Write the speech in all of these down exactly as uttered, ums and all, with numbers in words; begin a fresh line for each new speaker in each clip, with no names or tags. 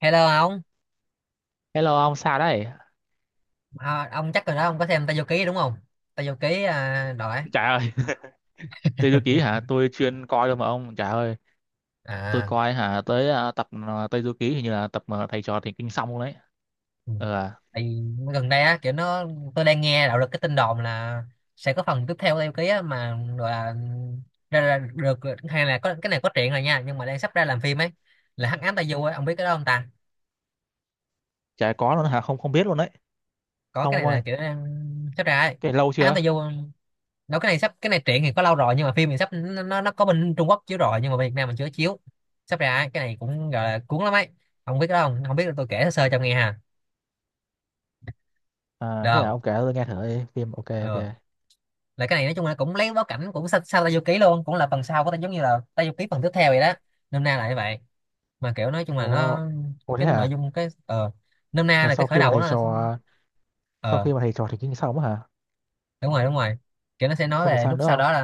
Hello ông,
Hello ông sao đấy?
à, ông chắc rồi đó ông có xem Tây Du Ký đúng không? Tây Du Ký à, đội á.
Trời ơi, Tây Du Ký hả? Tôi chuyên coi thôi mà ông. Trời ơi, tôi
À,
coi hả tới à, tập à, Tây Du Ký hình như là tập mà thầy trò thì kinh xong luôn đấy.
ừ.
Ờ, à,
Tại vì gần đây á kiểu nó tôi đang nghe đạo được cái tin đồn là sẽ có phần tiếp theo Tây Du Ký á mà gọi là ra, ra được, hay là có cái này có truyện rồi nha nhưng mà đang sắp ra làm phim ấy, là Hắc Ám Tây Du ấy, ông biết cái đó không ta?
Chả có luôn hả? Không không biết luôn đấy.
Có
Không
cái
ông
này là
ơi,
kiểu đang sắp ra ấy.
cái lâu
Hắc Ám
chưa?
Tây Du đâu cái này sắp cái này truyện thì có lâu rồi nhưng mà phim thì sắp, nó nó có bên Trung Quốc chiếu rồi nhưng mà bên Việt Nam mình chưa chiếu, sắp ra ấy, cái này cũng gọi là cuốn lắm ấy, không biết đó không không biết, tôi kể sơ sơ cho nghe ha, được
À, thế hả?
không?
Ông kể tôi nghe thử đi. Phim ok
Ừ.
ok.
Là cái này nói chung là cũng lấy bối cảnh cũng sau sao Tây Du Ký luôn, cũng là phần sau của ta, giống như là Tây Du Ký phần tiếp theo vậy đó, nôm na là như vậy. Mà kiểu nói chung là
Ồ,
nó
ồ thế
cái nội
hả?
dung cái ờ nôm na
Là
là cái
sau
khởi
khi mà
đầu của
thầy
nó là-
trò Sau
ờ
khi mà thầy trò thì kinh xong á hả?
đúng rồi đúng rồi, kiểu nó sẽ nói
Xong rồi
về
sao
lúc
nữa
sau
không?
đó là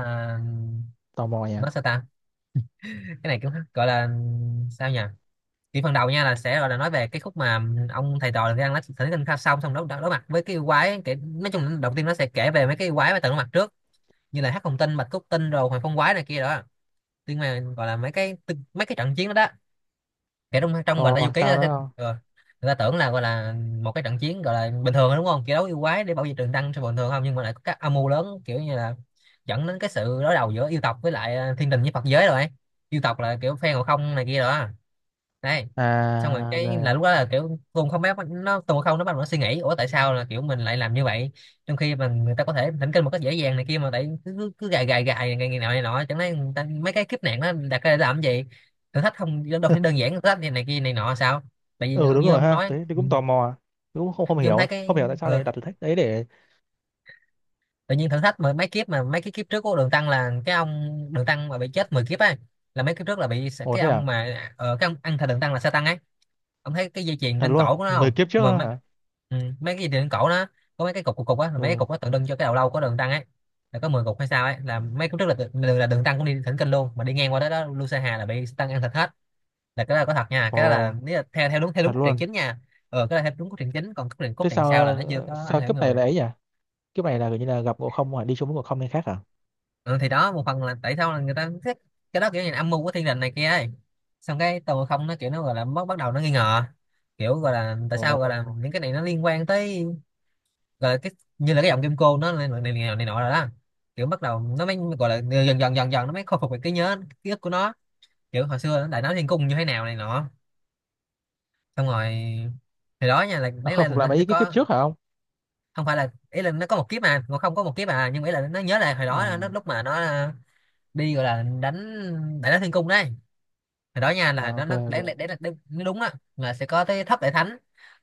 Tò mò nhỉ?
nó sao ta, cái này cũng gọi là sao nhỉ, thì phần đầu nha là sẽ gọi là nói về cái khúc mà ông thầy trò đang nói thỉnh kinh kha xong xong đối, đối, đối mặt với cái yêu quái kể, nói chung là đầu tiên nó sẽ kể về mấy cái yêu quái mà từng đối mặt trước, như là hắc hồng tinh bạch cốt tinh rồi hoàng phong quái này kia đó. Nhưng mà gọi là mấy cái tư- mấy cái trận chiến đó đó, kể trong trong gọi là vô
Ồ,
ký, người
sao
ta, sẽ,
nữa không?
ờ, người ta tưởng là gọi là một cái trận chiến gọi là bình thường thôi đúng không, kiểu đấu yêu quái để bảo vệ trường đăng cho bình thường không, nhưng mà lại có các âm mưu lớn, kiểu như là dẫn đến cái sự đối đầu giữa yêu tộc với lại ờ, thiên đình với Phật giới rồi ấy. Yêu tộc là kiểu phe ngộ không này kia đó đấy. Xong rồi
À,
cái
rồi.
là lúc đó là kiểu Tùng không biết nó Tùng không nó bắt đầu nó suy nghĩ, ủa tại sao là kiểu mình lại làm như vậy, trong khi mà người ta có thể thỉnh kinh một cách dễ dàng này kia, mà tại cứ cứ, cứ gài gài gài ngày ngày nào này nọ, chẳng lẽ người ta, mấy cái kiếp nạn nó đặt ra để làm cái gì, thử thách không, đâu phải đơn giản thử thách này, này kia này nọ sao, tại vì
Ừ
ông
đúng
như
rồi
ông
ha,
nói
tôi, tôi
ừ.
cũng tò mò. Tôi cũng không không
Như ông thấy
hiểu,
cái
không hiểu tại sao
ờ,
lại đặt thử thách đấy để.
tự nhiên thử thách mười mấy kiếp, mà mấy cái kiếp trước của Đường Tăng là cái ông Đường Tăng mà bị chết mười kiếp ấy, là mấy kiếp trước là bị
Ồ
cái
thế à?
ông mà ờ, cái ông ăn thịt Đường Tăng là Sa Tăng ấy, ông thấy cái dây chuyền
Thật
trên
luôn
cổ của nó
mười
không
kiếp trước
mà
đó
mấy,
hả?
ừ, mấy cái dây chuyền trên cổ nó có mấy cái cục cục cục á, là mấy cái
Ừ.
cục nó tượng trưng cho cái đầu lâu của Đường Tăng ấy, là có mười cục hay sao ấy, là mấy kiếp trước là tự- là, là Đường Tăng cũng đi thỉnh kinh luôn mà đi ngang qua đó đó Lu Sa Hà là bị Sa Tăng ăn thịt hết, là cái đó là có thật nha, cái đó là
Ồ,
nếu là theo theo đúng theo
thật
đúng cốt truyện
luôn.
chính nha. Ờ cái đó là theo đúng cốt truyện chính, còn cốt truyện cốt
Thế
truyện
sao
sau là nó chưa
ờ,
có ảnh
sao
hưởng
kiếp này
người.
là ấy nhỉ? Kiếp này là kiểu như là gặp ngộ không hả, đi xuống với ngộ không nên khác hả?
Ừ, thì đó một phần là tại sao là người ta thích cái đó, kiểu như là âm mưu của thiên đình này kia ấy. Xong cái tàu không nó kiểu nó gọi là bắt bắt đầu nó nghi ngờ, kiểu gọi là tại
Ồ,
sao gọi là những cái này nó liên quan tới gọi là cái như là cái giọng kim cô nó này này, này, này nọ rồi đó, kiểu bắt đầu nó mới gọi là dần dần dần dần nó mới khôi phục được cái nhớ ký ức của nó, kiểu hồi xưa nó đại náo thiên cung như thế nào này nọ. Xong rồi thì đó nha là
nó
đấy
khôi
là
phục
nó
lại
sẽ
mấy cái kiếp
có,
trước hả không?
không phải là ý là nó có một kiếp, mà nó không có một kiếp à, nhưng mà ý là nó nhớ lại hồi đó nó
à,
lúc mà nó đi gọi là đánh đại náo thiên cung đấy. Hồi đó nha là
à
nó
ok
nó đấy đấy đấy
ok.
là đúng nó đúng á, là sẽ có tới thất đại thánh,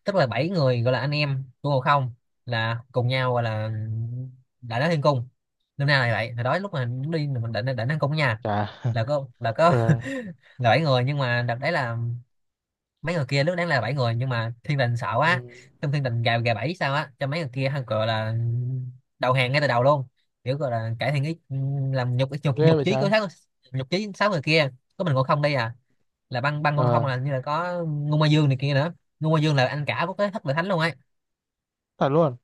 tức là bảy người gọi là anh em của Ngộ Không, là cùng nhau gọi là đại náo thiên cung, lúc nay là vậy, hồi đó lúc mà đi mình đại đại náo thiên cung nha,
Chà.
là có là có
Ờ.
là bảy người, nhưng mà đợt đấy là mấy người kia, lúc nãy là bảy người nhưng mà thiên đình sợ
Ừ.
quá, trong thiên đình gà gà bảy sao á cho mấy người kia hăng gọi là đầu hàng ngay từ đầu luôn, kiểu gọi là cải thiện ý làm nhục nhục
Ghê
nhục
vậy
chí của
trái.
sáu, nhục chí sáu người kia, có mình ngộ không đây à, là băng băng ngộ không
Ờ,
là như là có ngu ma dương này kia nữa. Ngu ma dương là anh cả của cái thất vệ thánh luôn ấy,
thật luôn.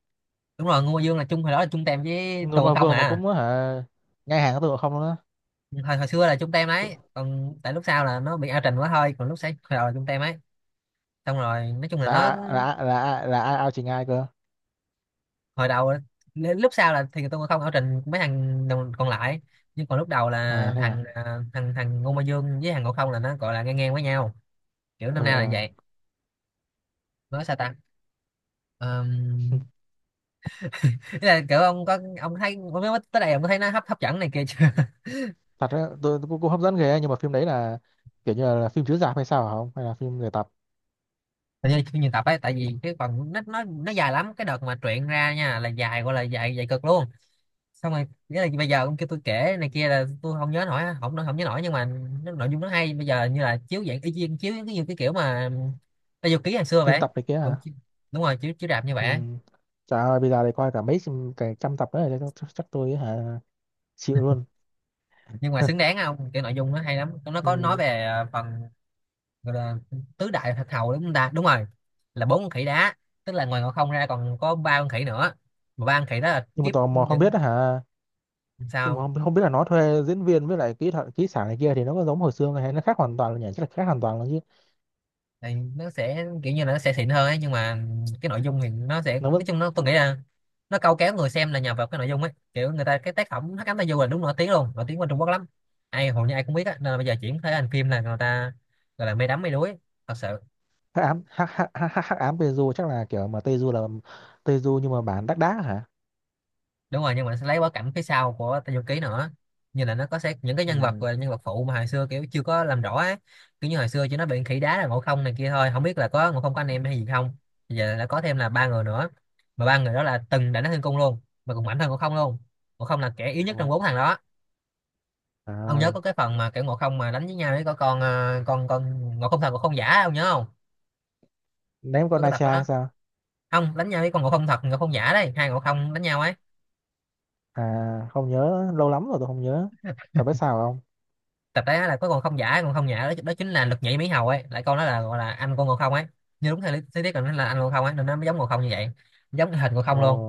đúng rồi, ngu ma dương là chung hồi đó là chung tem với tù
Người
ngộ
mà
không
vừa mà
à.
cũng hả? Ngay hàng với tụi ngộ không luôn á?
Hồi hồi xưa là chung tem đấy,
Tự-
còn tại lúc sau là nó bị ao trình quá thôi, còn lúc sáng hồi đầu là chung tem ấy. Xong rồi nói chung là
là
nó
ai- là ai- là ai- là ai ao chỉ ai cơ?
hồi đầu á, nên lúc sau là thì tôi không ở trình mấy thằng đồng- còn lại, nhưng còn lúc đầu là
À thế
thằng
à.
à, thằng thằng Ngô Mai Dương với thằng Ngộ Không là nó gọi là ngang ngang với nhau, kiểu
Ờ
năm nay là
ờ.
vậy, nói sao ta, um, là kiểu ông có ông thấy ông nói tới đây ông có thấy nó hấp hấp dẫn này kia chưa?
Thật á, tôi tôi cũng cũng hấp dẫn ghê ấy, nhưng mà phim đấy là kiểu như là phim chiếu rạp hay sao hả, không hay là phim người tập,
Hình như phim nhiều tập ấy, tại vì cái phần nó nó nó dài lắm, cái đợt mà truyện ra nha là dài, gọi là dài dài cực luôn, xong rồi nghĩa là bây giờ ông kêu tôi kể này kia là tôi không nhớ nổi, không không nhớ nổi nhưng mà nó, nội dung nó hay, bây giờ như là chiếu dạng y chang chiếu cái như cái kiểu mà bao nhiêu ký ngày xưa
phim
vậy.
tập này kia
cũng
hả?
chi- đúng rồi, chiếu chiếu rạp như vậy
Ừ.
á.
Trời ơi bây giờ thì coi cả mấy trăm- cả trăm tập đấy chắc, chắc, tôi hả chịu luôn.
Nhưng mà xứng đáng không, cái nội dung nó hay lắm, nó có nói
Ừ.
về à, phần gọi là tứ đại thạch hầu đúng không ta, đúng rồi, là bốn con khỉ đá, tức là ngoài ngọn không ra còn có ba con khỉ nữa, mà ba con khỉ đó là
Nhưng mà
kiếp
tò mò không
những
biết hả? Nhưng mà
sao,
không, không biết là nó thuê diễn viên với lại kỹ thuật kỹ xảo này kia thì nó có giống hồi xưa không, hay nó khác hoàn toàn là nhỉ, chắc là khác hoàn toàn luôn chứ.
tại nó sẽ kiểu như là nó sẽ xịn hơn ấy, nhưng mà cái nội dung thì nó sẽ
Nó
nói
vẫn
chung nó tôi nghĩ là nó câu kéo người xem là nhờ vào cái nội dung ấy, kiểu người ta cái tác phẩm Hắc Ám Tai Du là đúng nổi tiếng luôn, nổi tiếng qua Trung Quốc lắm, ai hầu như ai cũng biết á, nên là bây giờ chuyển thể thành phim là người ta gọi là mê đắm mê đuối thật sự.
hắc ám, hắc hắc hắc hắc hắc ám Teju, chắc là kiểu mà Teju là Teju nhưng mà bản đắc đá hả?
Đúng rồi, nhưng mà nó sẽ lấy bối cảnh phía sau của Tây Du Ký nữa, như là nó có sẽ những cái
Ừ.
nhân vật và nhân vật phụ mà hồi xưa kiểu chưa có làm rõ á, kiểu như hồi xưa chỉ nó bị khỉ đá là Ngộ Không này kia thôi, không biết là có Ngộ Không có anh em hay gì không. Bây giờ đã có thêm là ba người nữa, mà ba người đó là từng đánh Thiên Cung luôn, mà cũng mạnh hơn Ngộ Không luôn, Ngộ Không là kẻ yếu nhất trong
Ồ,
bốn thằng đó.
trời
Ông nhớ
ơi.
có cái phần mà kiểu Ngộ Không mà đánh với nhau với có con ờ, con con Ngộ Không thật Ngộ Không giả, ông nhớ không,
Ném con
có cái tập
Nacha
đó
hay sao?
không, đánh nhau với con Ngộ Không thật Ngộ Không giả đấy, hai Ngộ Không đánh nhau ấy,
À không nhớ, lâu lắm rồi tôi không nhớ tập, biết sao không.
tập đấy á là có con không giả con không nhả đó, đó chính là lực nhảy Mỹ Hầu ấy, lại con đó là gọi là anh con Ngộ Không ấy. Như đúng theo lý lý thuyết là nó là anh Ngộ Không ấy nên nó mới giống Ngộ Không như vậy, giống cái hình Ngộ Không
Ồ
luôn.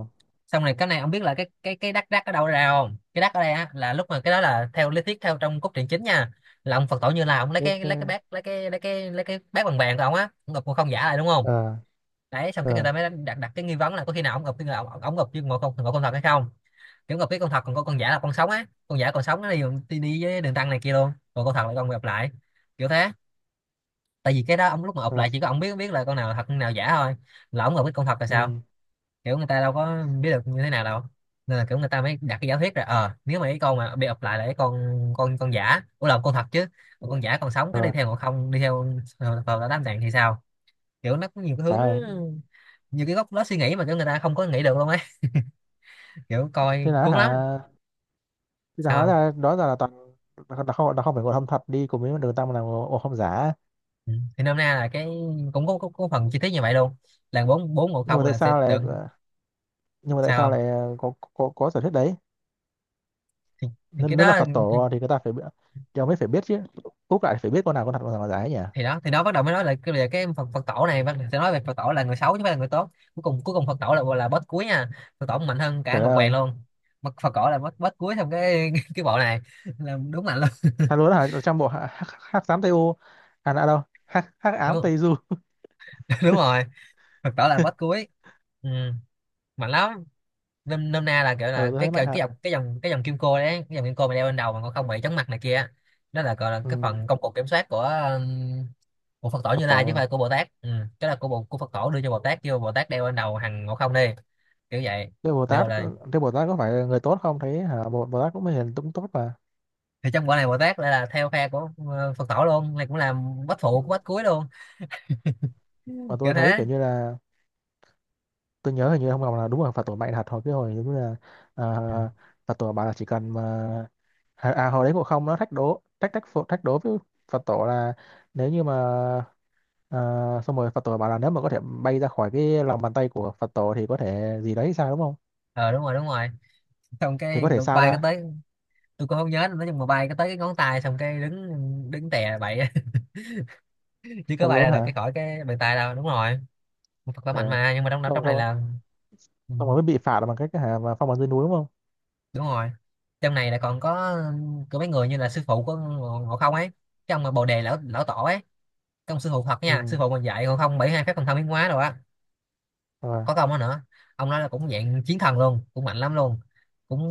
Xong này, cái này ông biết là cái cái cái đắc đắc ở đâu ra không? Cái đắc ở đây á là lúc mà cái đó, là theo lý thuyết theo trong cốt truyện chính nha, là ông Phật tổ Như Lai, ông lấy
thế,
cái lấy cái
thế,
bát, lấy cái lấy cái lấy cái bát bằng vàng của ông á, ông ngụp Ngộ Không giả lại đúng không?
ờ.
Đấy, xong cái người
Rồi,
ta mới đặt đặt cái nghi vấn là có khi nào ông ngụp cái ông, ông ngụp như Ngộ Không, Ngộ Không thật hay không? Kiểu gặp cái con thật, còn có con giả, là con sống á, con giả còn sống nó đi, đi, đi với đường tăng này kia luôn, còn con thật là con gặp lại, kiểu thế. Tại vì cái đó ông lúc mà ụp
là.
lại chỉ có ông biết, biết là con nào là thật con nào giả thôi, là ông gặp cái con thật là sao.
Ừ.
Kiểu người ta đâu có biết được như thế nào đâu, nên là kiểu người ta mới đặt cái giả thuyết ra. ờ Nếu mà cái con mà bị ụp lại là cái con, con con giả, ủa là con thật chứ,
Ừ.
còn con giả còn sống cái đi
Rồi,
theo, còn không đi theo. Ờ, vào đã đám tạng thì sao? Kiểu nó có nhiều cái hướng,
trời ơi,
nhiều cái góc nó suy nghĩ mà kiểu người ta không có nghĩ được luôn ấy, kiểu
thế
coi
là
cuốn
hả?
lắm.
Thế là hóa
Sao?
ra đó là, là toàn là không, là không phải ngộ không thật đi cùng với đường tăng, là ngộ ngộ không giả.
Ừ. Thì nôm na là cái cũng có, có, có phần chi tiết như vậy luôn, là bốn bốn một
Nhưng
không
mà tại
là sẽ
sao lại
đựng.
nhưng mà tại
Sao
sao
không?
lại có có, có sở thuyết đấy?
Thì, thì cái
Nên, nên là
đó,
Phật
thì,
tổ thì người ta phải bi- thì ông mới phải biết chứ. Úc lại phải biết con nào con thật con nào con giả ấy nhỉ?
thì đó, thì đó bắt đầu mới nói là cái về cái Phật Phật tổ này, bắt đầu sẽ nói về Phật tổ là người xấu chứ không phải là người tốt. Cuối cùng, cuối cùng Phật tổ là là boss cuối nha. Phật tổ mạnh hơn cả
Trời đất
Ngọc Hoàng
ơi,
luôn, mà Phật tổ là boss, boss cuối trong cái cái bộ này, là đúng mạnh luôn.
thật luôn đó hả? Là trong bộ hắc hắc hắc ám Tây U, à đã đâu? Hắc hắc ám
Đúng,
Tây Du.
đúng rồi. Phật tổ là boss cuối, ừ, mạnh lắm. Nôm nôm na là kiểu
Ừ,
là
tôi
cái
thấy mạnh
cái
thật.
cái dòng cái dòng cái dòng kim cô đấy, cái dòng kim cô mà đeo bên đầu mà còn không bị chóng mặt này kia á, đó là gọi là
Ừ,
cái phần công cụ kiểm soát của ừm, của Phật tổ
Phật
Như Lai, chứ
tổ.
không phải của Bồ Tát. Ừ. Cái là của bộ của Phật tổ đưa cho Bồ Tát, kêu Bồ Tát đeo bên đầu hằng ngộ không đi, kiểu vậy.
Thế Bồ
Được
Tát
rồi, là
có- thế Bồ Tát có phải là người tốt không, thấy hả Bồ, Bồ Tát cũng hiền cũng tốt mà.
thì trong quả này Bồ Tát lại là theo phe của ờ, Phật tổ luôn, này cũng là bách
Ừ.
phụ của bách cuối luôn.
Mà
Kiểu
tôi thấy
thế.
kiểu như là, tôi nhớ hình như ông Ngọc là đúng là Phật tổ mạnh thật hồi cái hồi giống như là
Ừ.
uh, Phật tổ bảo là chỉ cần mà à, à hồi đấy Ngộ Không nó thách đố thách thách phụ- thách đố với Phật tổ là nếu như mà ờ, xong rồi Phật tổ bảo là nếu mà có thể bay ra khỏi cái lòng bàn tay của Phật tổ thì có thể gì đấy sao đúng không,
Ờ đúng rồi, đúng rồi, xong
thì có
cái
thể sao
bay cái
ra.
tới. Tôi cũng không nhớ nữa, nhưng mà bay cái tới cái ngón tay xong cái đứng đứng tè bậy á, chứ
Thật
có bay
luôn
ra được
hả?
cái khỏi cái bàn tay đâu. Đúng rồi, một Phật khỏe mạnh
Ờ.
mà, nhưng mà trong
xong
trong này
xong
là ừ,
xong rồi mới bị phạt bằng cách hả mà phong ấn dưới núi đúng không?
đúng rồi. Trong này là còn có có mấy người như là sư phụ của Ngộ Ngộ Không ấy, cái ông mà Bồ Đề lão lão tổ ấy, cái ông sư phụ Phật
Ừ.
nha, sư phụ mình dạy Ngộ Không bảy mươi hai phép thần thông biến hóa rồi á,
Rồi.
có công đó nữa. Ông nói là cũng dạng chiến thần luôn, cũng mạnh lắm luôn, cũng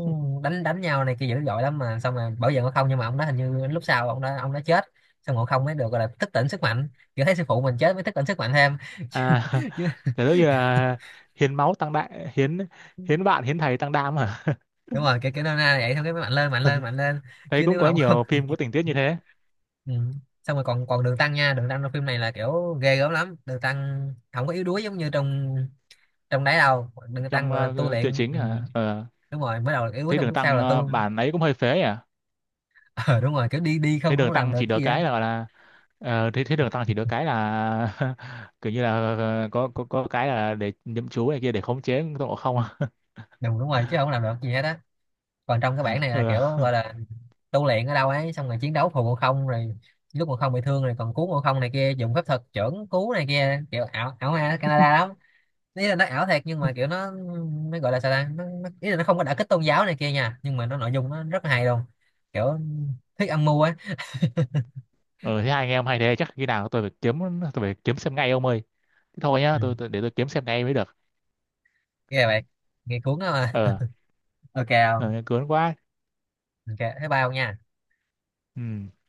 đánh đánh nhau này kia dữ dội lắm, mà xong rồi bảo vệ Ngộ Không, nhưng mà ông đó hình như lúc sau ông đó ông đó chết, xong Ngộ Không mới được gọi là thức tỉnh sức mạnh, kiểu thấy sư phụ mình chết mới thức tỉnh sức mạnh thêm.
À.
Chứ
Kiểu giống như là hiến máu tăng đại hiến, hiến bạn hiến thầy tăng đam hả.
đúng rồi, cái cái nôm na này vậy thôi, cái mạnh lên, mạnh lên, mạnh lên.
Thấy
Chứ
cũng
nếu
có
không, không.
nhiều phim có tình tiết như thế.
Ừ. Xong rồi còn, còn đường tăng nha, đường tăng trong phim này là kiểu ghê gớm lắm, đường tăng không có yếu đuối giống như trong trong đấy đâu, đường tăng
Trong
gọi là tu
ờ, truyện
luyện.
chính
Ừ.
hả? Ờ,
Đúng rồi, mới đầu là yếu đuối
thấy
xong
đường
lúc sau
tăng
là
ờ,
tu.
bản ấy cũng hơi phế nhỉ.
Ờ đúng rồi, kiểu đi đi không,
Thấy
không
đường
làm
tăng
được
chỉ
cái
được
gì á.
cái là gọi là, ờ, thấy thấy đường tăng chỉ được cái là kiểu như là, ờ, có có có cái là để nhậm chú này kia để khống chế Tôn Ngộ Không.
Đúng đúng rồi, chứ không làm được gì hết á. Còn trong cái bản này là kiểu
Ờ.
gọi là tu luyện ở đâu ấy, xong rồi chiến đấu phù Ngộ Không rồi, lúc Ngộ Không bị thương rồi còn cứu Ngộ Không này kia, dùng phép thuật chưởng cứu này kia, kiểu ảo ảo ma Canada lắm. Ý là nó ảo thiệt nhưng mà kiểu nó nó gọi là sao ta, nó, nó ý là nó không có đả kích tôn giáo này kia nha, nhưng mà nó nội dung nó rất là hay luôn, kiểu thuyết âm mưu á.
Ờ thế hai anh em hay, thế chắc khi nào tôi phải kiếm, tôi phải kiếm xem ngay ông ơi. Thế thôi nhá,
Ừ.
tôi, tôi để tôi kiếm xem ngay mới được.
Ghê vậy, nghe cuốn đó mà.
Ờ.
Ok không?
Ờ, cuốn quá.
Ok, thấy bao nha.
Ừ.